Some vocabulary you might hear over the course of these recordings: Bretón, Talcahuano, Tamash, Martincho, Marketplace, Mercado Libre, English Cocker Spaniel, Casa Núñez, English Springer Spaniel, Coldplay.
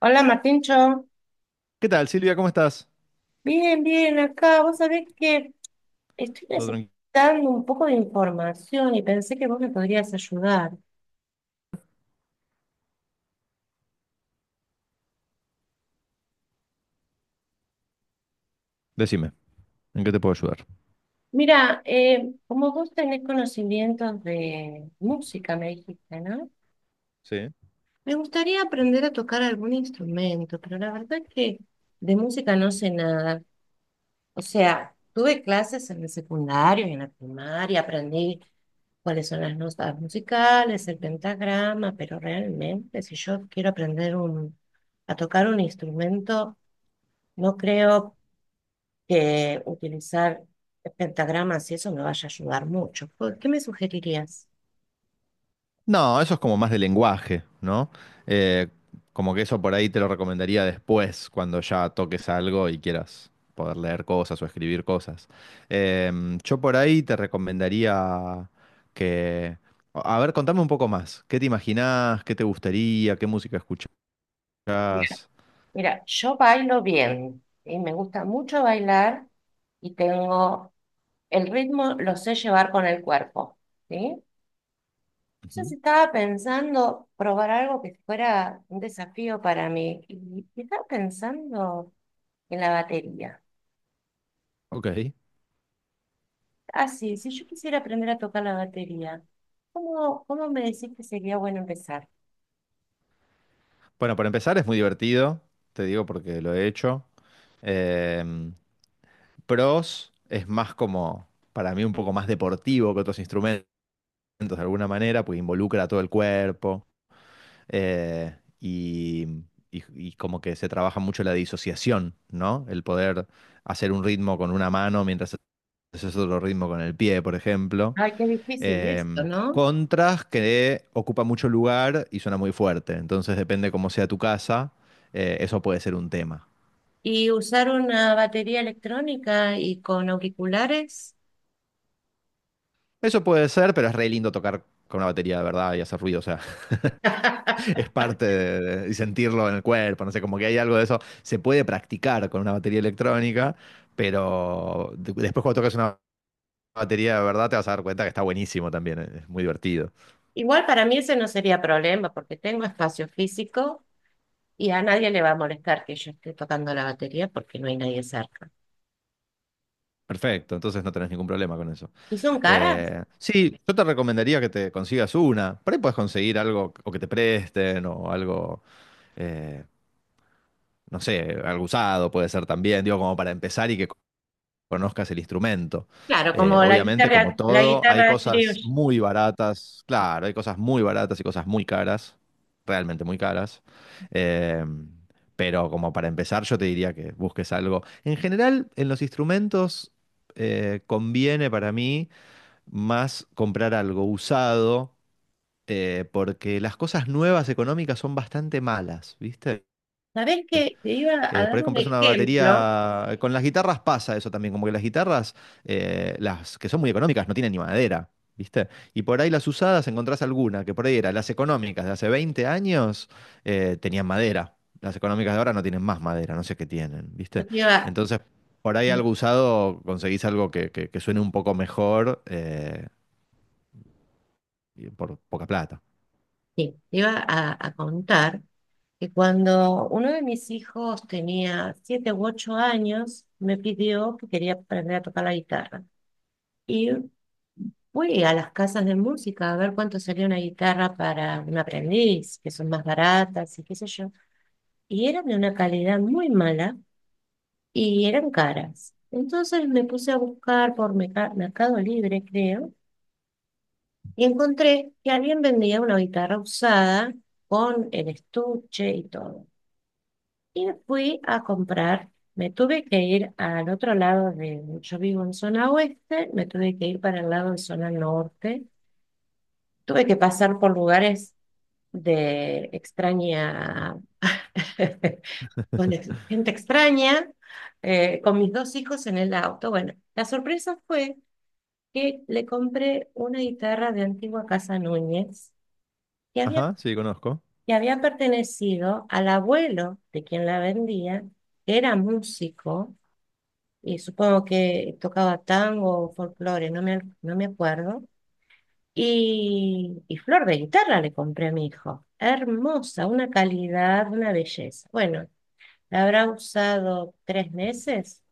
Hola, Martincho. ¿Qué tal, Silvia? ¿Cómo estás? Bien, bien, acá. Vos sabés que estoy Todo tranquilo. necesitando un poco de información y pensé que vos me podrías ayudar. Decime, ¿en qué te puedo ayudar? Mira, como vos tenés conocimientos de música, me dijiste, ¿no? Sí. Me gustaría aprender a tocar algún instrumento, pero la verdad es que de música no sé nada. O sea, tuve clases en el secundario y en la primaria, aprendí cuáles son las notas musicales, el pentagrama, pero realmente si yo quiero aprender a tocar un instrumento, no creo que utilizar pentagramas y eso me vaya a ayudar mucho. ¿Por ¿Qué me sugerirías? No, eso es como más de lenguaje, ¿no? Eh, Como que eso por ahí te lo recomendaría después, cuando ya toques algo y quieras poder leer cosas o escribir cosas. Yo por ahí te recomendaría que... A ver, contame un poco más. ¿Qué te imaginás? ¿Qué te gustaría? ¿Qué música escuchás? Mira, Mira, yo bailo bien y me gusta mucho bailar y tengo el ritmo, lo sé llevar con el cuerpo, ¿sí? Yo sí Ujú. estaba pensando probar algo que fuera un desafío para mí y estaba pensando en la batería. Ok. Ah, sí, si yo quisiera aprender a tocar la batería, ¿cómo me decís que sería bueno empezar? Bueno, para empezar es muy divertido, te digo porque lo he hecho. Em, Pros es más como, para mí, un poco más deportivo que otros instrumentos de alguna manera, porque involucra a todo el cuerpo eh, y, y como que se trabaja mucho la disociación, ¿no? El poder hacer un ritmo con una mano mientras haces otro ritmo con el pie, por ejemplo. Ay, qué difícil esto, ¿no? Contras que ocupa mucho lugar y suena muy fuerte, entonces depende cómo sea tu casa, eso puede ser un tema. Y usar una batería electrónica y con auriculares. Eso puede ser, pero es re lindo tocar con una batería de verdad y hacer ruido, o sea, es parte y sentirlo en el cuerpo, no sé, como que hay algo de eso. Se puede practicar con una batería electrónica, pero después cuando tocas una batería de verdad te vas a dar cuenta que está buenísimo también, es muy divertido. Igual para mí ese no sería problema porque tengo espacio físico y a nadie le va a molestar que yo esté tocando la batería porque no hay nadie cerca. Perfecto, entonces no tenés ningún problema con eso. ¿Y son caras? Sí, yo te recomendaría que te consigas una. Por ahí puedes conseguir algo o que te presten o algo, eh, no sé, algo usado puede ser también, digo, como para empezar y que conozcas el instrumento. Claro, como Obviamente, como la todo, hay guitarra cosas criolla. muy baratas, claro, hay cosas muy baratas y cosas muy caras, realmente muy caras. Eh, pero como para empezar, yo te diría que busques algo. En general, en los instrumentos conviene para mí más comprar algo usado, porque las cosas nuevas económicas son bastante malas, ¿viste? ¿Sabés qué? Te iba a Por dar ahí un compras una ejemplo. batería. Con las guitarras pasa eso también, como que las guitarras, las que son muy económicas, no tienen ni madera, ¿viste? Y por ahí las usadas encontrás alguna, que por ahí eran las económicas de hace 20 años, tenían madera. Las económicas de ahora no tienen más madera, no sé qué tienen, Yo ¿viste? te iba, Entonces, por ahí algo sí, usado conseguís algo que suene un poco mejor y por poca plata. te iba a contar que cuando uno de mis hijos tenía 7 u 8 años, me pidió que quería aprender a tocar la guitarra. Y fui a las casas de música a ver cuánto salía una guitarra para un aprendiz, que son más baratas y qué sé yo. Y eran de una calidad muy mala y eran caras. Entonces me puse a buscar por Mercado Libre, creo, y encontré que alguien vendía una guitarra usada con el estuche y todo. Y me fui a comprar. Me tuve que ir al otro lado de, yo vivo en zona oeste, me tuve que ir para el lado de zona norte. Tuve que pasar por lugares de extraña, con gente extraña, con mis dos hijos en el auto. Bueno, la sorpresa fue que le compré una guitarra de antigua Casa Núñez que había, Ajá, sí, conozco. que había pertenecido al abuelo de quien la vendía, que era músico y supongo que tocaba tango o folclore, no me acuerdo. Y flor de guitarra le compré a mi hijo. Hermosa, una calidad, una belleza. Bueno, la habrá usado 3 meses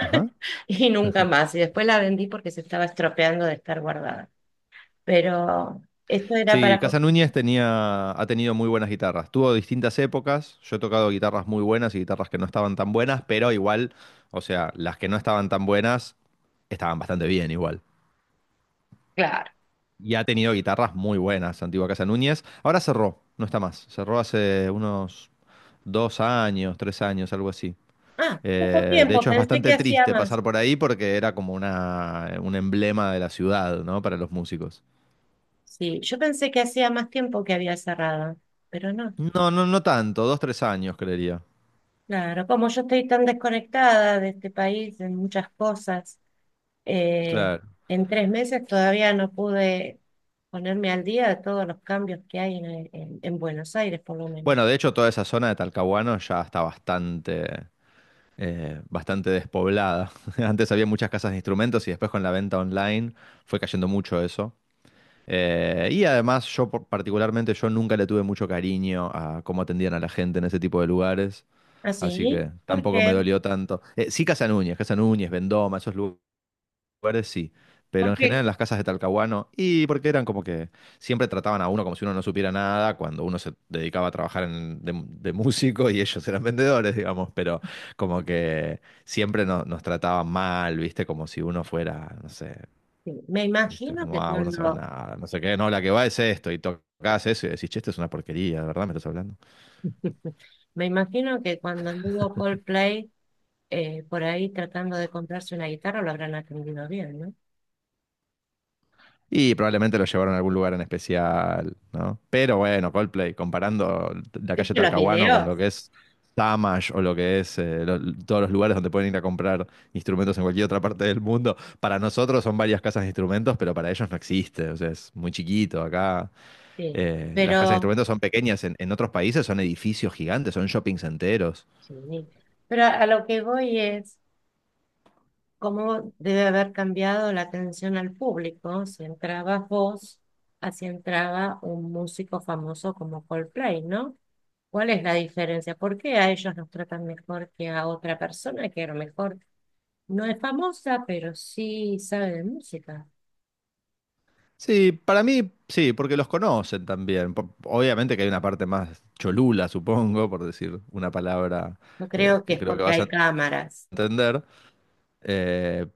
Ajá. y nunca más. Y después la vendí porque se estaba estropeando de estar guardada. Pero esto era Sí, para... Casa po- Núñez tenía, ha tenido muy buenas guitarras. Tuvo distintas épocas. Yo he tocado guitarras muy buenas y guitarras que no estaban tan buenas, pero igual, o sea, las que no estaban tan buenas estaban bastante bien igual. Claro. Y ha tenido guitarras muy buenas, Antigua Casa Núñez. Ahora cerró, no está más. Cerró hace unos dos años, tres años, algo así. Ah, poco De tiempo, hecho, es pensé que bastante hacía triste más. pasar por ahí porque era como una, un emblema de la ciudad, ¿no? Para los músicos. Sí, yo pensé que hacía más tiempo que había cerrado, pero no. No, no, no tanto, dos, tres años, creería. Claro, como yo estoy tan desconectada de este país en muchas cosas, eh, Claro. en 3 meses todavía no pude ponerme al día de todos los cambios que hay en Buenos Aires, por lo menos. Bueno, de hecho, toda esa zona de Talcahuano ya está bastante, bastante despoblada. Antes había muchas casas de instrumentos y después con la venta online fue cayendo mucho eso. Y además, particularmente, yo nunca le tuve mucho cariño a cómo atendían a la gente en ese tipo de lugares. Así ¿Así? que ¿Por tampoco me qué? dolió tanto. Sí, Casa Núñez, Casa Núñez, Vendoma, esos lugares lugares sí, pero en general Porque en las casas de Talcahuano, y porque eran como que siempre trataban a uno como si uno no supiera nada, cuando uno se dedicaba a trabajar de músico y ellos eran vendedores, digamos, pero como que siempre nos trataban mal, ¿viste? Como si uno fuera, no sé, sí. ¿Viste? Como, ah, vos no sabes nada, no sé qué, no, la que va es esto, y tocás eso y decís, che, esto es una porquería, ¿de verdad me estás hablando? Me imagino que cuando anduvo Coldplay por ahí tratando de comprarse una guitarra lo habrán atendido bien, ¿no? Y probablemente lo llevaron a algún lugar en especial, ¿no? Pero bueno, Coldplay, comparando la calle ¿Viste los Talcahuano con videos? lo que es Tamash o lo que es todos los lugares donde pueden ir a comprar instrumentos en cualquier otra parte del mundo, para nosotros son varias casas de instrumentos, pero para ellos no existe, o sea, es muy chiquito acá. Sí, Las casas de pero, instrumentos son pequeñas, en otros países son edificios gigantes, son shoppings enteros. sí, pero a lo que voy es cómo debe haber cambiado la atención al público si entraba vos, así entraba un músico famoso como Coldplay, ¿no? ¿Cuál es la diferencia? ¿Por qué a ellos nos tratan mejor que a otra persona que a lo mejor no es famosa, pero sí sabe de música? Sí, para mí sí, porque los conocen también. Po- obviamente que hay una parte más cholula, supongo, por decir una palabra Yo creo que que es creo que porque vas hay a cámaras. entender. Eh,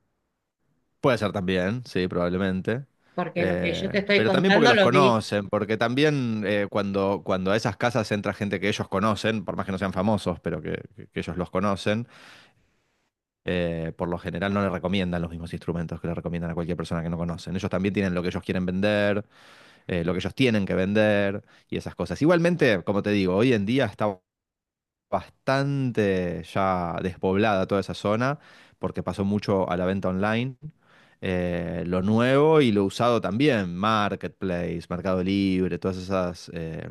Puede ser también, sí, probablemente. Porque lo que yo te estoy Pero también porque contando los lo vi. conocen, porque también cuando a esas casas entra gente que ellos conocen, por más que no sean famosos, pero que ellos los conocen, por lo general no le recomiendan los mismos instrumentos que le recomiendan a cualquier persona que no conocen. Ellos también tienen lo que ellos quieren vender lo que ellos tienen que vender y esas cosas. Igualmente, como te digo, hoy en día está bastante ya despoblada toda esa zona porque pasó mucho a la venta online. Lo nuevo y lo usado también, Marketplace, Mercado Libre, todas esas eh,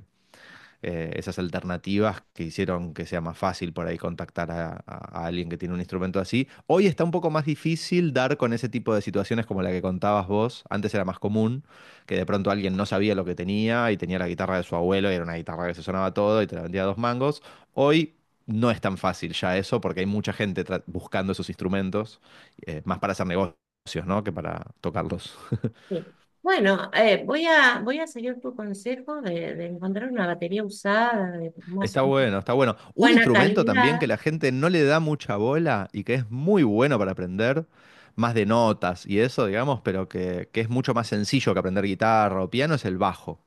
eh, esas alternativas que hicieron que sea más fácil por ahí contactar a alguien que tiene un instrumento así. Hoy está un poco más difícil dar con ese tipo de situaciones como la que contabas vos. Antes era más común que de pronto alguien no sabía lo que tenía y tenía la guitarra de su abuelo y era una guitarra que se sonaba todo y te la vendía a dos mangos. Hoy no es tan fácil ya eso porque hay mucha gente buscando esos instrumentos, más para hacer negocios, ¿no? Que para tocarlos. Sí. Bueno, voy a seguir tu consejo de encontrar una batería usada de más Está bueno, está bueno. Un buena instrumento también calidad. que la gente no le da mucha bola y que es muy bueno para aprender, más de notas y eso, digamos, pero que es mucho más sencillo que aprender guitarra o piano, es el bajo.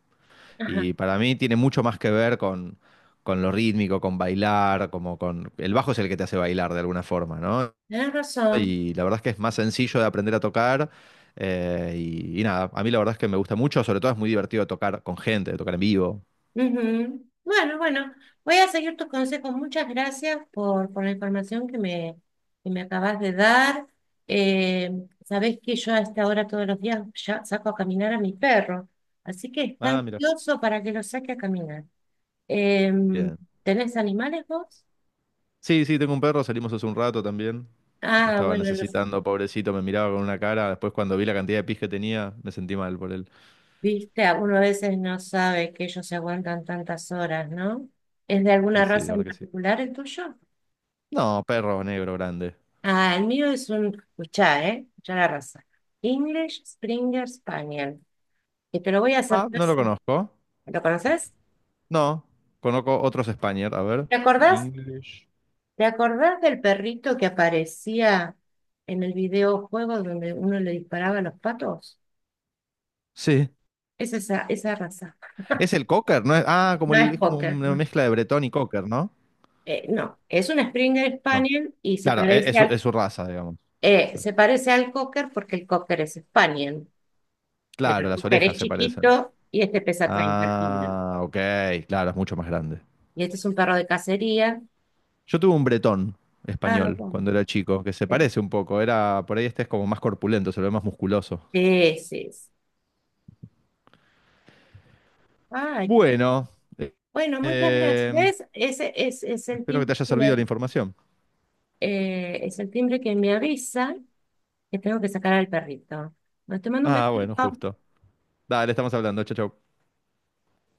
Ajá, Y para mí tiene mucho más que ver con lo rítmico, con bailar, como con... El bajo es el que te hace bailar de alguna forma, ¿no? tenés razón. Y la verdad es que es más sencillo de aprender a tocar. Y nada, a mí la verdad es que me gusta mucho, sobre todo es muy divertido tocar con gente, tocar en vivo. Ujú. Bueno, bueno, voy a seguir tus consejos. Muchas gracias por la información que me acabas de dar. Eh, Sabés que yo a esta hora todos los días ya saco a caminar a mi perro, así que está Ah, mira. ansioso para que lo saque a caminar. Em, Bien. ¿Tenés animales vos? Sí, sí, tengo un perro, salimos hace un rato también. Ah, Estaba bueno, no- necesitando, pobrecito, me miraba con una cara. Después cuando vi la cantidad de pis que tenía, me sentí mal por él. viste, a- uno a veces no sabe que ellos se aguantan tantas horas, ¿no? ¿Es de Y alguna sí, raza la en verdad que sí. particular el tuyo? No, perro negro grande. Ah, el mío es escuchá, ¿eh? Escuchá la raza. English Springer Spaniel. Que te lo voy a hacer Ah, no lo fácil. conozco. ¿Lo conoces? No, conozco otros Spaniel. A ver, ¿Te acordás? English. ¿Te acordás del perrito que aparecía en el videojuego donde uno le disparaba a los patos? Sí, Es esa raza. es el Cocker, ¿no? Ah, como No el, es es como poker, una no. mezcla de Bretón y Cocker, ¿no? No, es un Springer No. Spaniel y Claro, es su raza, digamos. Claro. se parece al cocker porque el cocker es Spaniel, pero Claro, el las cocker es orejas se parecen. chiquito y este pesa 30 kilos. Ah, ok, claro, es mucho más grande. Y este es un perro de cacería. Yo tuve un bretón Ah, español cuando bueno. era chico, que se Sí, parece un poco. Era, por ahí este es como más corpulento, se lo ve más musculoso. ese es. Ay, qué- Bueno, eh, Bueno, muchas gracias. eh, ¿Ves? Ese es el espero que timbre te haya servido la información. Es el timbre que me avisa que tengo que sacar al perrito. Bueno, te mando un Ah, bueno, beso. justo. Dale, estamos hablando. Chau, chau.